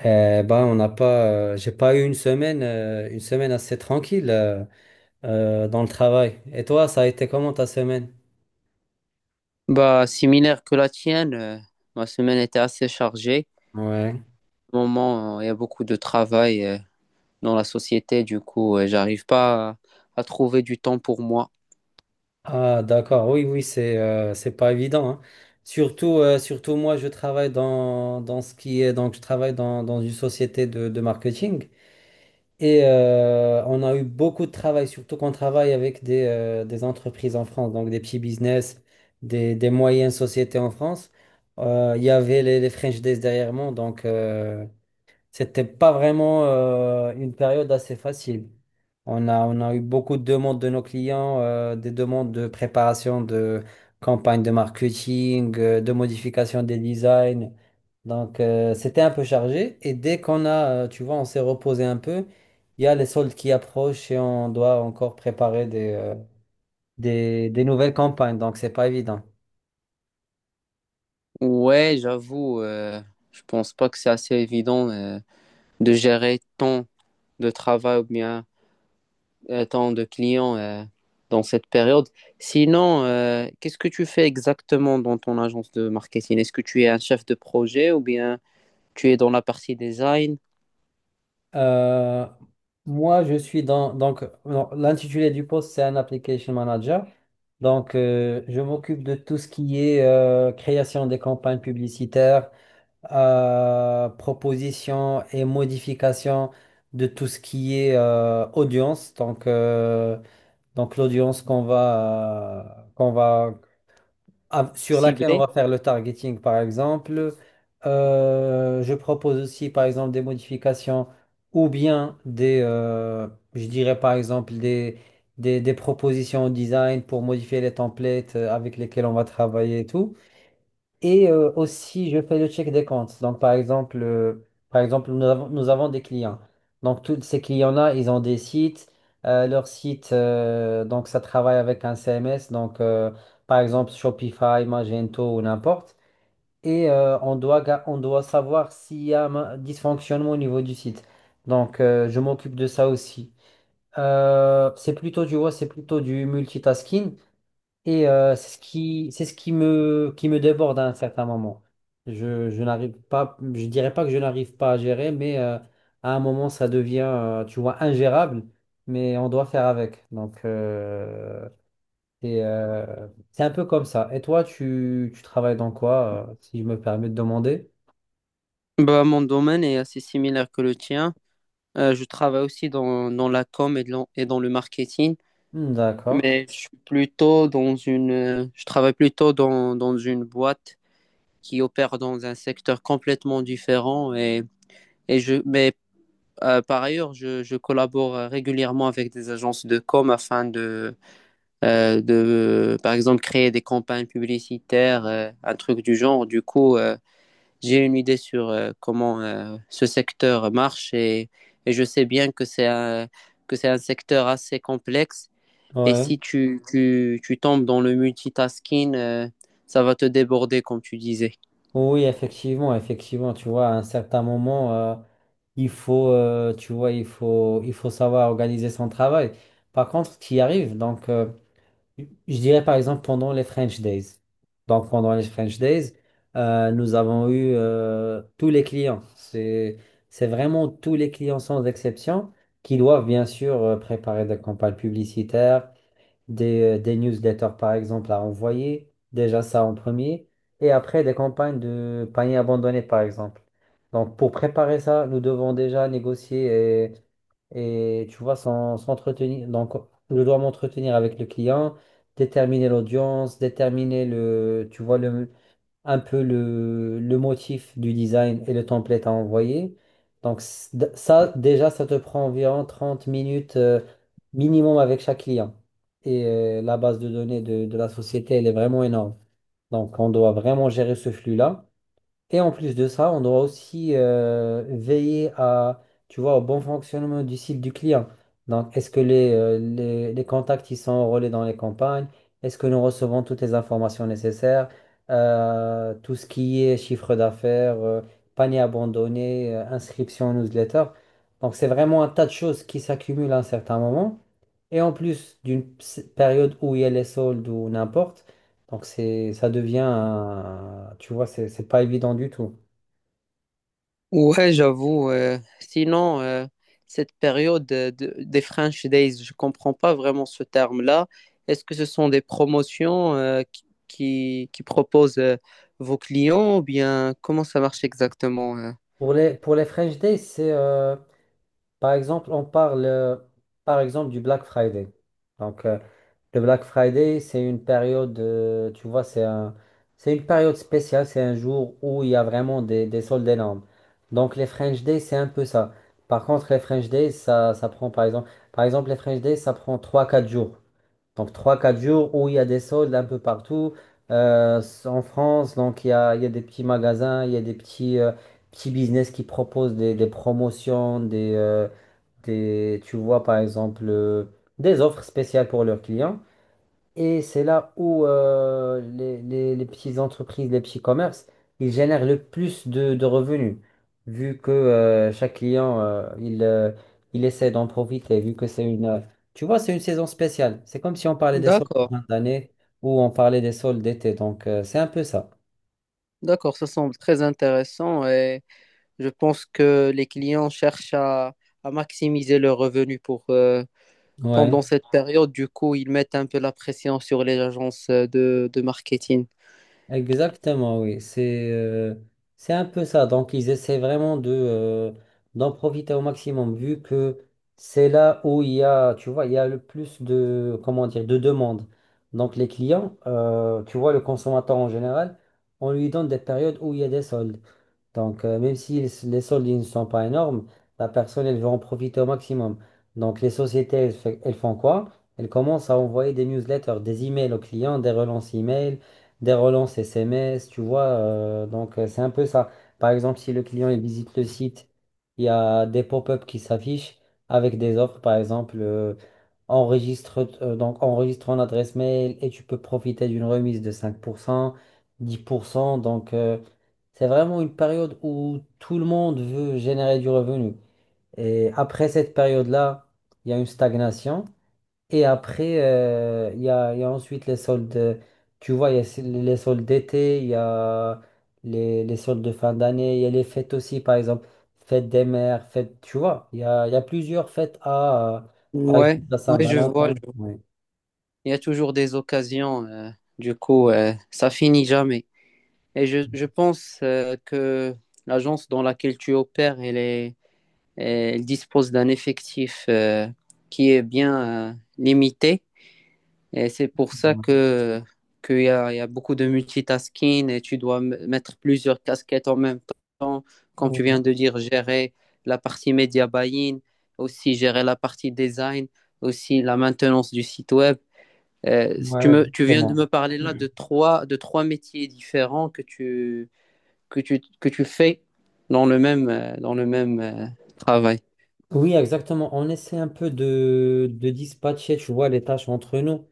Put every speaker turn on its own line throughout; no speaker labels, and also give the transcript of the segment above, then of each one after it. Eh ben, on n'a pas, j'ai pas eu une semaine assez tranquille dans le travail. Et toi, ça a été comment ta semaine?
Bah, similaire que la tienne, ma semaine était assez chargée.
Ouais.
Au moment, il y a beaucoup de travail dans la société, du coup, j'arrive pas à, à trouver du temps pour moi.
Ah, d'accord. Oui, oui, c'est pas évident, hein. Surtout, surtout moi, je travaille dans ce qui est donc je travaille dans une société de marketing. Et on a eu beaucoup de travail, surtout qu'on travaille avec des entreprises en France, donc des petits business, des moyennes sociétés en France. Il y avait les French Days derrière moi, donc c'était pas vraiment une période assez facile. On a eu beaucoup de demandes de nos clients, des demandes de préparation de campagnes de marketing, de modification des designs. Donc, c'était un peu chargé. Et dès qu'on a, tu vois, on s'est reposé un peu, il y a les soldes qui approchent et on doit encore préparer des nouvelles campagnes. Donc, c'est pas évident.
Ouais, j'avoue, je pense pas que c'est assez évident de gérer tant de travail ou bien tant de clients dans cette période. Sinon, qu'est-ce que tu fais exactement dans ton agence de marketing? Est-ce que tu es un chef de projet ou bien tu es dans la partie design
Euh, moi, je suis dans donc non, l'intitulé du poste, c'est un application manager. Donc, je m'occupe de tout ce qui est création des campagnes publicitaires, proposition et modification de tout ce qui est audience. Donc l'audience qu'on va sur laquelle on
ciblée?
va faire le targeting, par exemple. Je propose aussi, par exemple, des modifications ou bien je dirais, par exemple, des propositions au design pour modifier les templates avec lesquels on va travailler et tout. Et aussi, je fais le check des comptes. Donc, par exemple nous avons des clients. Donc, tous ces clients-là, ils ont des sites. Leur site, donc, ça travaille avec un CMS. Donc, par exemple, Shopify, Magento ou n'importe. Et on doit, on doit savoir s'il y a un dysfonctionnement au niveau du site. Donc, je m'occupe de ça aussi. C'est plutôt, tu vois, c'est plutôt du multitasking. Et c'est ce qui me déborde à un certain moment. Je n'arrive pas, je dirais pas que je n'arrive pas à gérer, mais à un moment, ça devient, tu vois, ingérable, mais on doit faire avec. Donc, c'est un peu comme ça. Et toi, tu travailles dans quoi, si je me permets de demander?
Bah, mon domaine est assez similaire que le tien. Je travaille aussi dans la com et dans le marketing,
Hmm, d'accord.
mais je suis plutôt dans je travaille plutôt dans une boîte qui opère dans un secteur complètement différent. Mais par ailleurs, je collabore régulièrement avec des agences de com afin de, par exemple, créer des campagnes publicitaires, un truc du genre. Du coup, j'ai une idée sur comment ce secteur marche, et je sais bien que c'est un secteur assez complexe. Et
Ouais.
si tu tombes dans le multitasking, ça va te déborder, comme tu disais.
Oui, effectivement, effectivement, tu vois, à un certain moment, il faut, tu vois, il faut savoir organiser son travail. Par contre, tu y arrives. Donc, je dirais par exemple pendant les French Days. Donc, pendant les French Days, nous avons eu tous les clients. C'est vraiment tous les clients sans exception qui doivent bien sûr préparer des campagnes publicitaires, des newsletters, par exemple, à envoyer, déjà ça en premier, et après des campagnes de paniers abandonnés, par exemple. Donc, pour préparer ça, nous devons déjà négocier tu vois, s'entretenir. Donc, je dois m'entretenir avec le client, déterminer l'audience, déterminer le, tu vois, un peu le motif du design et le template à envoyer. Donc ça, déjà, ça te prend environ 30 minutes minimum avec chaque client. Et la base de données de la société, elle est vraiment énorme. Donc on doit vraiment gérer ce flux-là. Et en plus de ça, on doit aussi veiller à, tu vois, au bon fonctionnement du site du client. Donc, est-ce que les contacts ils sont enrôlés dans les campagnes? Est-ce que nous recevons toutes les informations nécessaires? Tout ce qui est chiffre d'affaires, panier abandonné, inscription en newsletter. Donc, c'est vraiment un tas de choses qui s'accumulent à un certain moment. Et en plus d'une période où il y a les soldes ou n'importe, donc ça devient, tu vois, c'est pas évident du tout.
Ouais, j'avoue. Sinon, cette période des French Days, je comprends pas vraiment ce terme-là. Est-ce que ce sont des promotions qui proposent vos clients ou bien comment ça marche exactement?
Pour pour les French Days, par exemple, on parle, par exemple, du Black Friday. Donc, le Black Friday, c'est une période, tu vois, c'est une période spéciale, c'est un jour où il y a vraiment des soldes énormes. Donc, les French Days, c'est un peu ça. Par contre, les French Days, ça prend, par exemple, les French Days, ça prend trois quatre jours. Donc trois quatre jours où il y a des soldes un peu partout. En France, donc il y a des petits magasins, il y a des petits, petits business qui proposent des promotions, tu vois par exemple, des offres spéciales pour leurs clients. Et c'est là où les petites entreprises, les petits commerces, ils génèrent le plus de revenus, vu que chaque client, il essaie d'en profiter, vu que tu vois, c'est une saison spéciale. C'est comme si on parlait des soldes de
D'accord.
fin d'année ou on parlait des soldes d'été. Donc, c'est un peu ça.
D'accord, ça semble très intéressant et je pense que les clients cherchent à maximiser leurs revenus pour,
Ouais.
pendant cette période. Du coup, ils mettent un peu la pression sur les agences de marketing.
Exactement, oui. C'est un peu ça. Donc, ils essaient vraiment de d'en profiter au maximum, vu que c'est là où il y a, tu vois, il y a le plus de, comment dire, de demandes. Donc, les clients, tu vois, le consommateur en général, on lui donne des périodes où il y a des soldes. Donc, même si les soldes ils ne sont pas énormes, la personne, elle veut en profiter au maximum. Donc, les sociétés, elles, elles font quoi? Elles commencent à envoyer des newsletters, des emails aux clients, des relances email, des relances SMS, tu vois. C'est un peu ça. Par exemple, si le client, il visite le site, il y a des pop-up qui s'affichent avec des offres, par exemple, enregistre, donc, enregistre ton adresse mail et tu peux profiter d'une remise de 5%, 10%. Donc, c'est vraiment une période où tout le monde veut générer du revenu. Et après cette période-là, il y a une stagnation. Et après, il y a ensuite les soldes. Tu vois, il y a les soldes d'été, il y a les soldes de fin d'année, il y a les fêtes aussi, par exemple, fête des mères, fête, tu vois, il y a plusieurs fêtes à, par exemple,
Ouais,
à
ouais, je vois, je
Saint-Valentin.
vois.
Ouais.
Il y a toujours des occasions. Du coup, ça finit jamais. Et je pense que l'agence dans laquelle tu opères, elle dispose d'un effectif qui est bien limité. Et c'est pour ça que qu'il y a, il y a beaucoup de multitasking et tu dois mettre plusieurs casquettes en même temps. Comme tu
Ouais,
viens de dire, gérer la partie média buying, aussi gérer la partie design, aussi la maintenance du site web.
ouais,
Tu viens de
exactement.
me parler là de trois métiers différents que tu fais dans le même, travail.
Oui, exactement. On essaie un peu de dispatcher, tu vois, les tâches entre nous.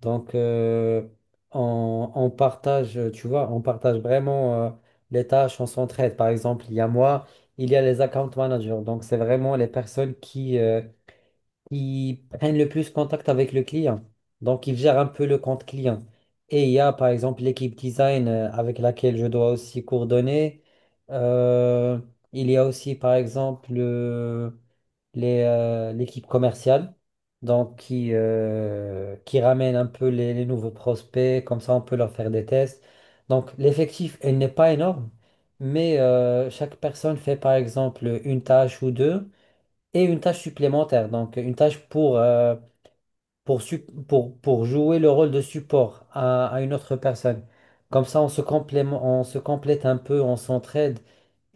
Donc, on partage, tu vois, on partage vraiment les tâches, on s'entraide. Par exemple, il y a moi, il y a les account managers. Donc, c'est vraiment les personnes qui prennent le plus contact avec le client. Donc, ils gèrent un peu le compte client. Et il y a, par exemple, l'équipe design avec laquelle je dois aussi coordonner. Euh, il y a aussi, par exemple, l'équipe commerciale, donc qui ramène un peu les nouveaux prospects, comme ça on peut leur faire des tests. Donc l'effectif, il n'est pas énorme, mais chaque personne fait par exemple une tâche ou deux, et une tâche supplémentaire, donc une tâche pour, pour jouer le rôle de support à une autre personne. Comme ça, on se complète un peu, on s'entraide,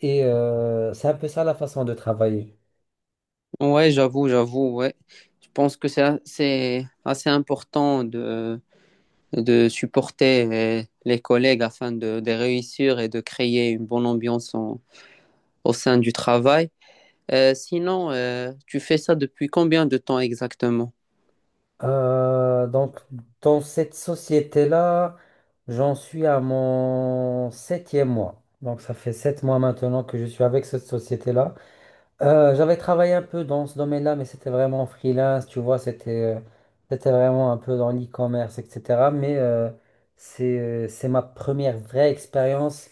et c'est un peu ça la façon de travailler.
Ouais, j'avoue, j'avoue, ouais. Je pense que c'est assez important de supporter les collègues afin de réussir et de créer une bonne ambiance au sein du travail. Sinon, tu fais ça depuis combien de temps exactement?
Euh, donc, dans cette société-là, j'en suis à mon 7e mois. Donc, ça fait 7 mois maintenant que je suis avec cette société-là. J'avais travaillé un peu dans ce domaine-là, mais c'était vraiment en freelance, tu vois, c'était c'était vraiment un peu dans l'e-commerce, etc. Mais c'est ma première vraie expérience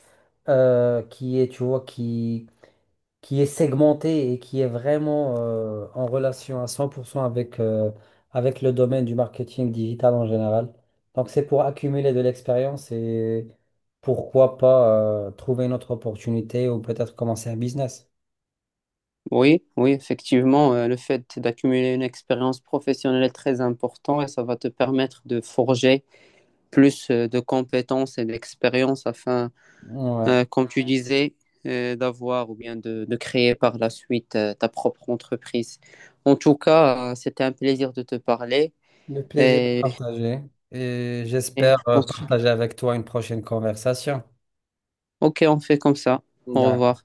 qui est, tu vois, qui est segmentée et qui est vraiment en relation à 100% avec, avec le domaine du marketing digital en général. Donc c'est pour accumuler de l'expérience et pourquoi pas trouver une autre opportunité ou peut-être commencer un business.
Oui, oui, effectivement, le fait d'accumuler une expérience professionnelle est très important et ça va te permettre de forger plus de compétences et d'expérience afin,
Ouais.
comme tu disais, d'avoir ou bien de créer par la suite ta propre entreprise. En tout cas, c'était un plaisir de te parler.
Le plaisir est
Et,
partagé et
et
j'espère
on se-
partager avec toi une prochaine conversation.
ok, on fait comme ça. Au
D'accord.
revoir.